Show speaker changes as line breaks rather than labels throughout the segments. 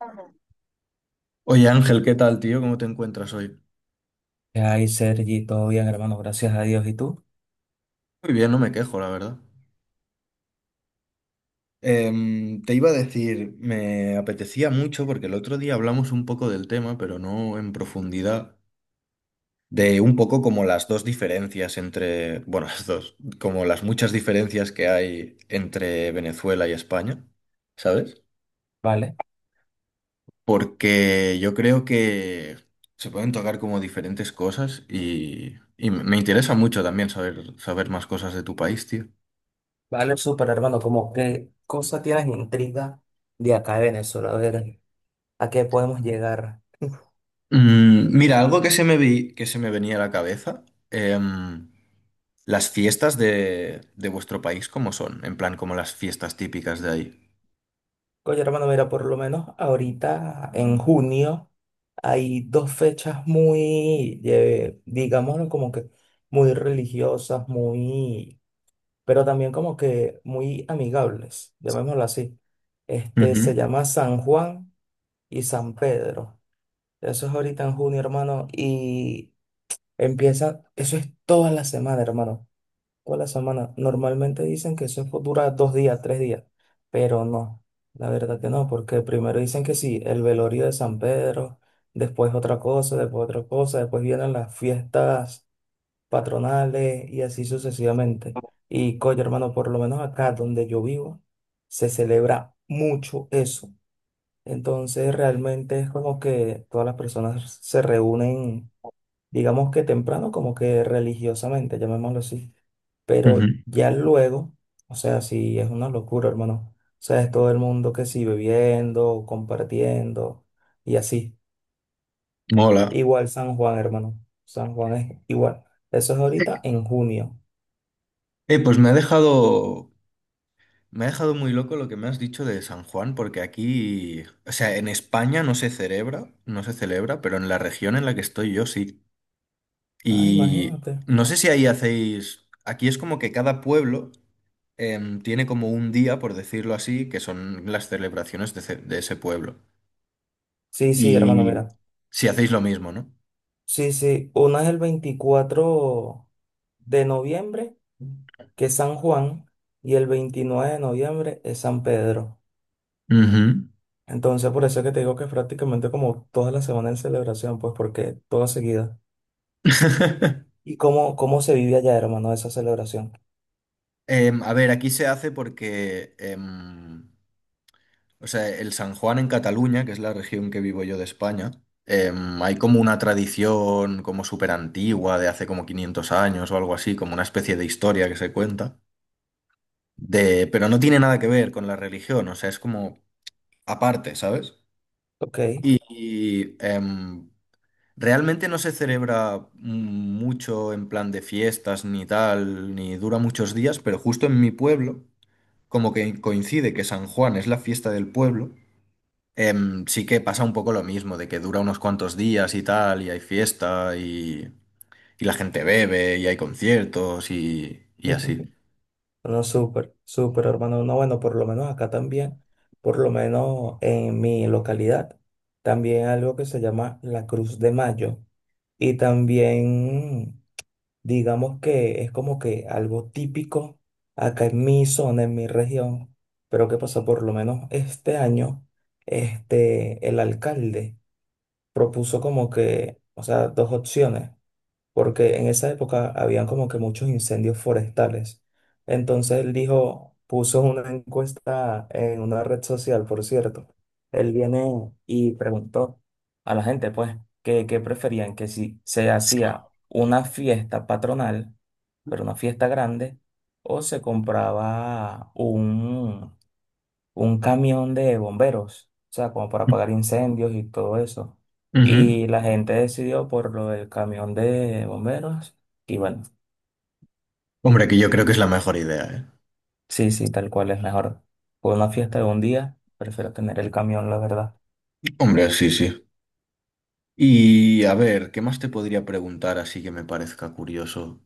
Ajá. Oye Ángel, ¿qué tal, tío? ¿Cómo te encuentras hoy?
Ay, Sergi, todo bien, hermano, gracias a Dios. ¿Y tú?
Muy bien, no me quejo, la verdad. Te iba a decir, me apetecía mucho porque el otro día hablamos un poco del tema, pero no en profundidad, de un poco como las dos diferencias entre, bueno, las dos, como las muchas diferencias que hay entre Venezuela y España, ¿sabes?
Vale,
Porque yo creo que se pueden tocar como diferentes cosas y me interesa mucho también saber, saber más cosas de tu país, tío.
vale, súper, hermano. ¿Cómo qué cosa tienes intriga de acá de Venezuela? A ver, ¿a qué podemos llegar?
Mira, algo que que se me venía a la cabeza. em, las fiestas de vuestro país, ¿cómo son? En plan, como las fiestas típicas de ahí.
Oye, hermano, mira, por lo menos ahorita en junio hay dos fechas muy, digámoslo, como que muy religiosas, muy, pero también como que muy amigables, llamémoslo así. Este se
Ujú,
llama San Juan y San Pedro. Eso es ahorita en junio, hermano, y empieza, eso es toda la semana, hermano, toda la semana. Normalmente dicen que dura 2 días, 3 días, pero no, la verdad que no, porque primero dicen que sí, el velorio de San Pedro, después otra cosa, después otra cosa, después vienen las fiestas patronales y así sucesivamente. Y coño, hermano, por lo menos acá donde yo vivo, se celebra mucho eso. Entonces realmente es como que todas las personas se reúnen, digamos que temprano, como que religiosamente, llamémoslo así.
ujú.
Pero ya luego, o sea, sí es una locura, hermano. O sea, es todo el mundo que sí bebiendo, compartiendo y así.
Mola.
Igual San Juan, hermano. San Juan es igual. Eso es ahorita en junio.
Pues me ha dejado muy loco lo que me has dicho de San Juan, porque aquí, o sea, en España no se celebra, no se celebra, pero en la región en la que estoy yo sí.
Ah,
Y
imagínate.
no sé si ahí hacéis, aquí es como que cada pueblo tiene como un día, por decirlo así, que son las celebraciones de ese pueblo.
Sí, sí, hermano,
Y
mira.
si hacéis lo mismo, ¿no?
Sí, sí, una es el 24 de noviembre, que es San Juan, y el 29 de noviembre es San Pedro.
Ujú.
Entonces, por eso es que te digo que es prácticamente como toda la semana en celebración, pues porque toda seguida. ¿Y cómo se vive allá, hermano, esa celebración?
A ver, aquí se hace porque, o sea, el San Juan en Cataluña, que es la región que vivo yo de España, hay como una tradición como súper antigua de hace como 500 años o algo así, como una especie de historia que se cuenta, pero no tiene nada que ver con la religión, o sea, es como aparte, ¿sabes?
Ok.
Y realmente no se celebra mucho en plan de fiestas ni tal, ni dura muchos días, pero justo en mi pueblo, como que coincide que San Juan es la fiesta del pueblo, sí que pasa un poco lo mismo, de que dura unos cuantos días y tal, y hay fiesta y la gente bebe y hay conciertos y así.
No, súper, hermano. No, bueno, por lo menos acá también, por lo menos en mi localidad, también algo que se llama la Cruz de Mayo. Y también digamos que es como que algo típico acá en mi zona, en mi región, pero que pasó por lo menos este año, este, el alcalde propuso como que, o sea, dos opciones porque en esa época habían como que muchos incendios forestales. Entonces él dijo, puso una encuesta en una red social, por cierto. Él viene y preguntó a la gente, pues, que preferían que si se hacía una fiesta patronal, pero una fiesta grande, o se compraba un camión de bomberos, o sea, como para apagar incendios y todo eso.
Ujú.
Y la gente decidió por lo del camión de bomberos. Y bueno,
Hombre, que yo creo que es la mejor idea, ¿eh?
sí, sí, tal cual es mejor. Por una fiesta de un día, prefiero tener el camión, la verdad.
Hombre, sí, sí. Y a ver, ¿qué más te podría preguntar así que me parezca curioso?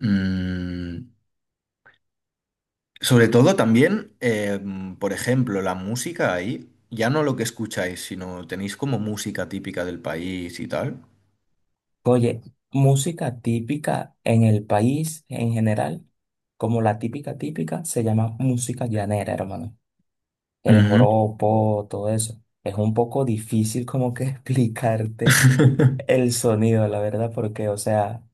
Mm, Sobre todo también, por ejemplo, la música ahí, ya no lo que escucháis, sino tenéis como música típica del país y tal.
Oye, música típica en el país en general, como la típica típica, se llama música llanera, hermano. El
Ujú.
joropo, todo eso. Es un poco difícil como que explicarte el sonido, la verdad, porque, o sea,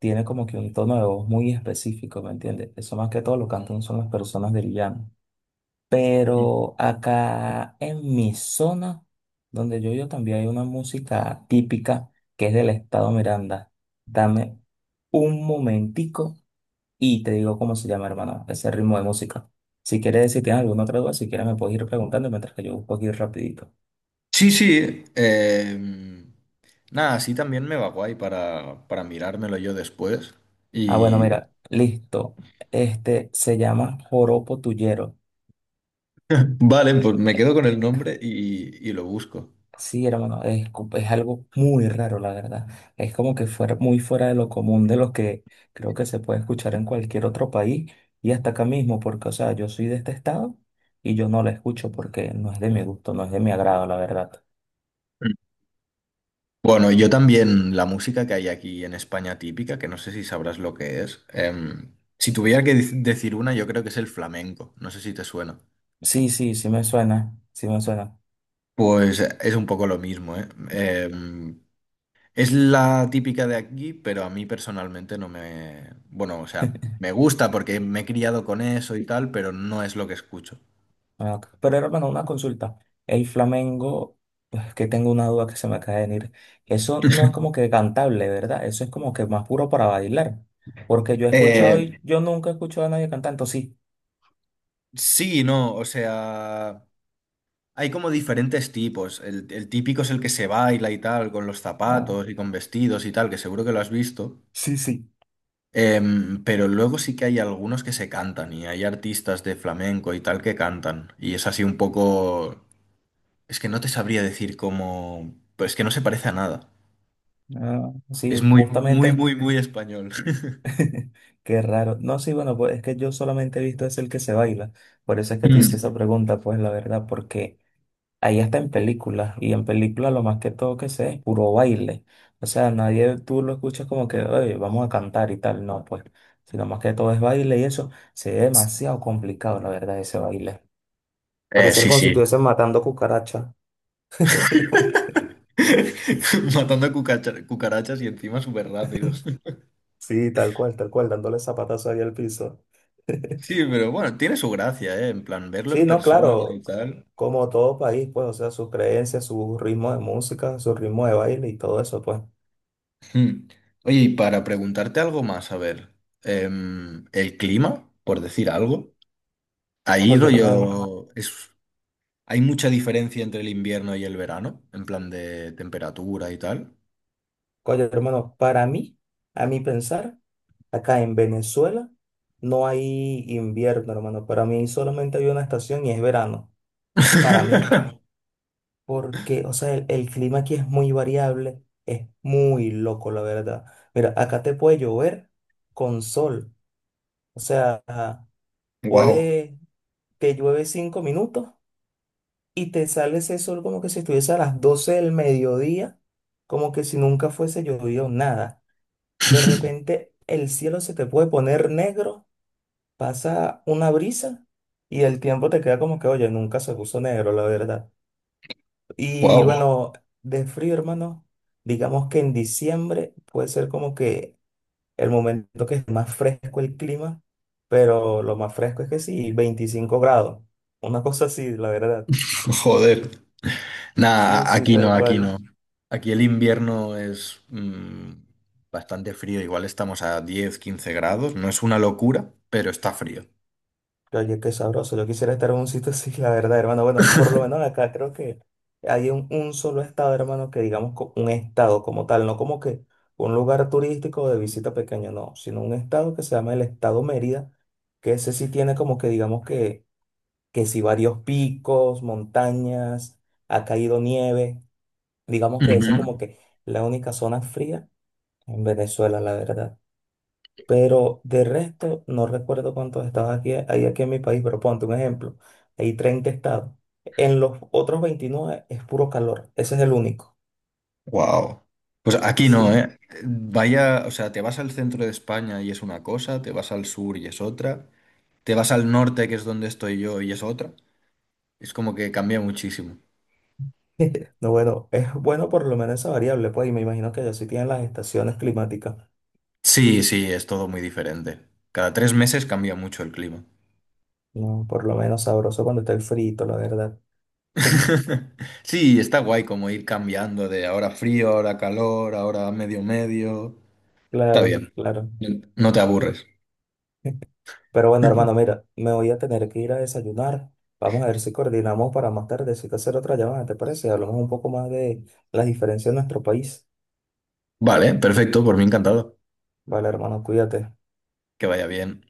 tiene como que un tono de voz muy específico, ¿me entiendes? Eso más que todo lo cantan son las personas del llano. Pero acá en mi zona, donde yo vivo, también hay una música típica que es del estado Miranda. Dame un momentico y te digo cómo se llama, hermano, ese ritmo de música. Si quieres, si tienes alguna otra duda, si quieres me puedes ir preguntando mientras que yo busco aquí rapidito.
Sí, sí. Nada, así también me va guay para mirármelo yo después.
Ah, bueno,
Y
mira, listo. Este se llama joropo tuyero.
vale, pues me
Eh,
quedo con el nombre y lo busco.
Sí, hermano, es algo muy raro, la verdad. Es como que fuera muy fuera de lo común de lo que creo que se puede escuchar en cualquier otro país y hasta acá mismo, porque, o sea, yo soy de este estado y yo no la escucho porque no es de mi gusto, no es de mi agrado, la verdad.
Bueno, yo también la música que hay aquí en España típica, que no sé si sabrás lo que es. Si tuviera que decir una, yo creo que es el flamenco. No sé si te suena.
Sí, sí, sí me suena, sí me suena.
Pues es un poco lo mismo, ¿eh? Es la típica de aquí, pero a mí personalmente no me. Bueno, o sea, me gusta porque me he criado con eso y tal, pero no es lo que escucho.
Ah, ok. Pero hermano, una consulta. El flamenco, pues que tengo una duda que se me acaba de venir. Eso no es como que cantable, ¿verdad? Eso es como que más puro para bailar. Porque yo he escuchado
Eh,
y yo nunca he escuchado a nadie cantando, sí.
sí, no, o sea. Hay como diferentes tipos. El típico es el que se baila y tal, con los
Ah,
zapatos y con vestidos y tal, que seguro que lo has visto.
sí, sí.
Pero luego sí que hay algunos que se cantan y hay artistas de flamenco y tal que cantan. Y es así un poco. Es que no te sabría decir cómo. Pues que no se parece a nada.
Ah, sí,
Es muy, muy,
justamente.
muy, muy español.
Qué raro. No, sí, bueno, pues es que yo solamente he visto es el que se baila. Por eso es que te hice
Mm.
esa pregunta, pues la verdad, porque ahí hasta en películas, y en películas lo más que todo que sé es puro baile. O sea, nadie tú lo escuchas como que, oye, vamos a cantar y tal, no, pues, sino más que todo es baile y eso se ve demasiado complicado, la verdad, ese baile. Parecer
Sí,
como si
sí.
estuviesen matando cucarachas.
Matando cucarachas y encima súper rápido.
Sí, tal cual, dándole zapatazo ahí al piso.
Sí, pero bueno, tiene su gracia, ¿eh? En plan, verlo en
Sí, no,
persona
claro,
y tal.
como todo país, pues, o sea, sus creencias, su ritmo de música, su ritmo de baile y todo eso, pues.
Mm. Oye, y para preguntarte algo más, a ver, el clima, por decir algo, ahí
Oye, hermano,
rollo, hay mucha diferencia entre el invierno y el verano, en plan de temperatura y tal.
oye, hermano, para mí, a mi pensar, acá en Venezuela no hay invierno, hermano. Para mí solamente hay una estación y es verano. Para mí. Porque, o sea, el clima aquí es muy variable. Es muy loco, la verdad. Mira, acá te puede llover con sol. O sea,
Wow,
puede, te llueve 5 minutos y te sale ese sol como que si estuviese a las 12 del mediodía, como que si nunca fuese llovido nada. De repente el cielo se te puede poner negro, pasa una brisa y el tiempo te queda como que, oye, nunca se puso negro, la verdad. Y
wow,
bueno, de frío, hermano, digamos que en diciembre puede ser como que el momento que es más fresco el clima, pero lo más fresco es que sí, 25 grados, una cosa así, la verdad.
joder.
Sí,
Nada,
sí,
aquí no,
tal
aquí
cual.
no. Aquí el invierno es bastante frío, igual estamos a 10, 15 grados, no es una locura, pero está frío.
Oye, qué sabroso. Yo quisiera estar en un sitio así, la verdad, hermano. Bueno, por lo menos acá creo que hay un solo estado, hermano, que digamos un estado como tal, no como que un lugar turístico de visita pequeño, no, sino un estado que se llama el estado Mérida, que ese sí tiene como que digamos que sí varios picos, montañas, ha caído nieve. Digamos que ese es como
Ujú.
que la única zona fría en Venezuela, la verdad. Pero de resto, no recuerdo cuántos hay aquí en mi país, pero ponte un ejemplo. Hay 30 estados. En los otros 29 es puro calor. Ese es el único.
Wow. Pues aquí no,
Sí.
¿eh? Vaya, o sea, te vas al centro de España y es una cosa, te vas al sur y es otra, te vas al norte, que es donde estoy yo, y es otra. Es como que cambia muchísimo.
No, bueno, es bueno por lo menos esa variable, pues, y me imagino que allá sí tienen las estaciones climáticas.
Sí, sí, es todo muy diferente. Cada 3 meses cambia mucho el clima.
No, por lo menos sabroso cuando está el frito, la verdad.
Sí, está guay como ir cambiando de ahora frío, ahora calor, ahora medio medio. Está
Claro,
bien.
claro.
No te aburres.
Pero bueno, hermano, mira, me voy a tener que ir a desayunar. Vamos a ver si coordinamos para más tardecito hacer otra llamada, ¿te parece? Hablamos un poco más de las diferencias en nuestro país.
Vale, perfecto, por mí encantado.
Vale, hermano, cuídate.
Que vaya bien.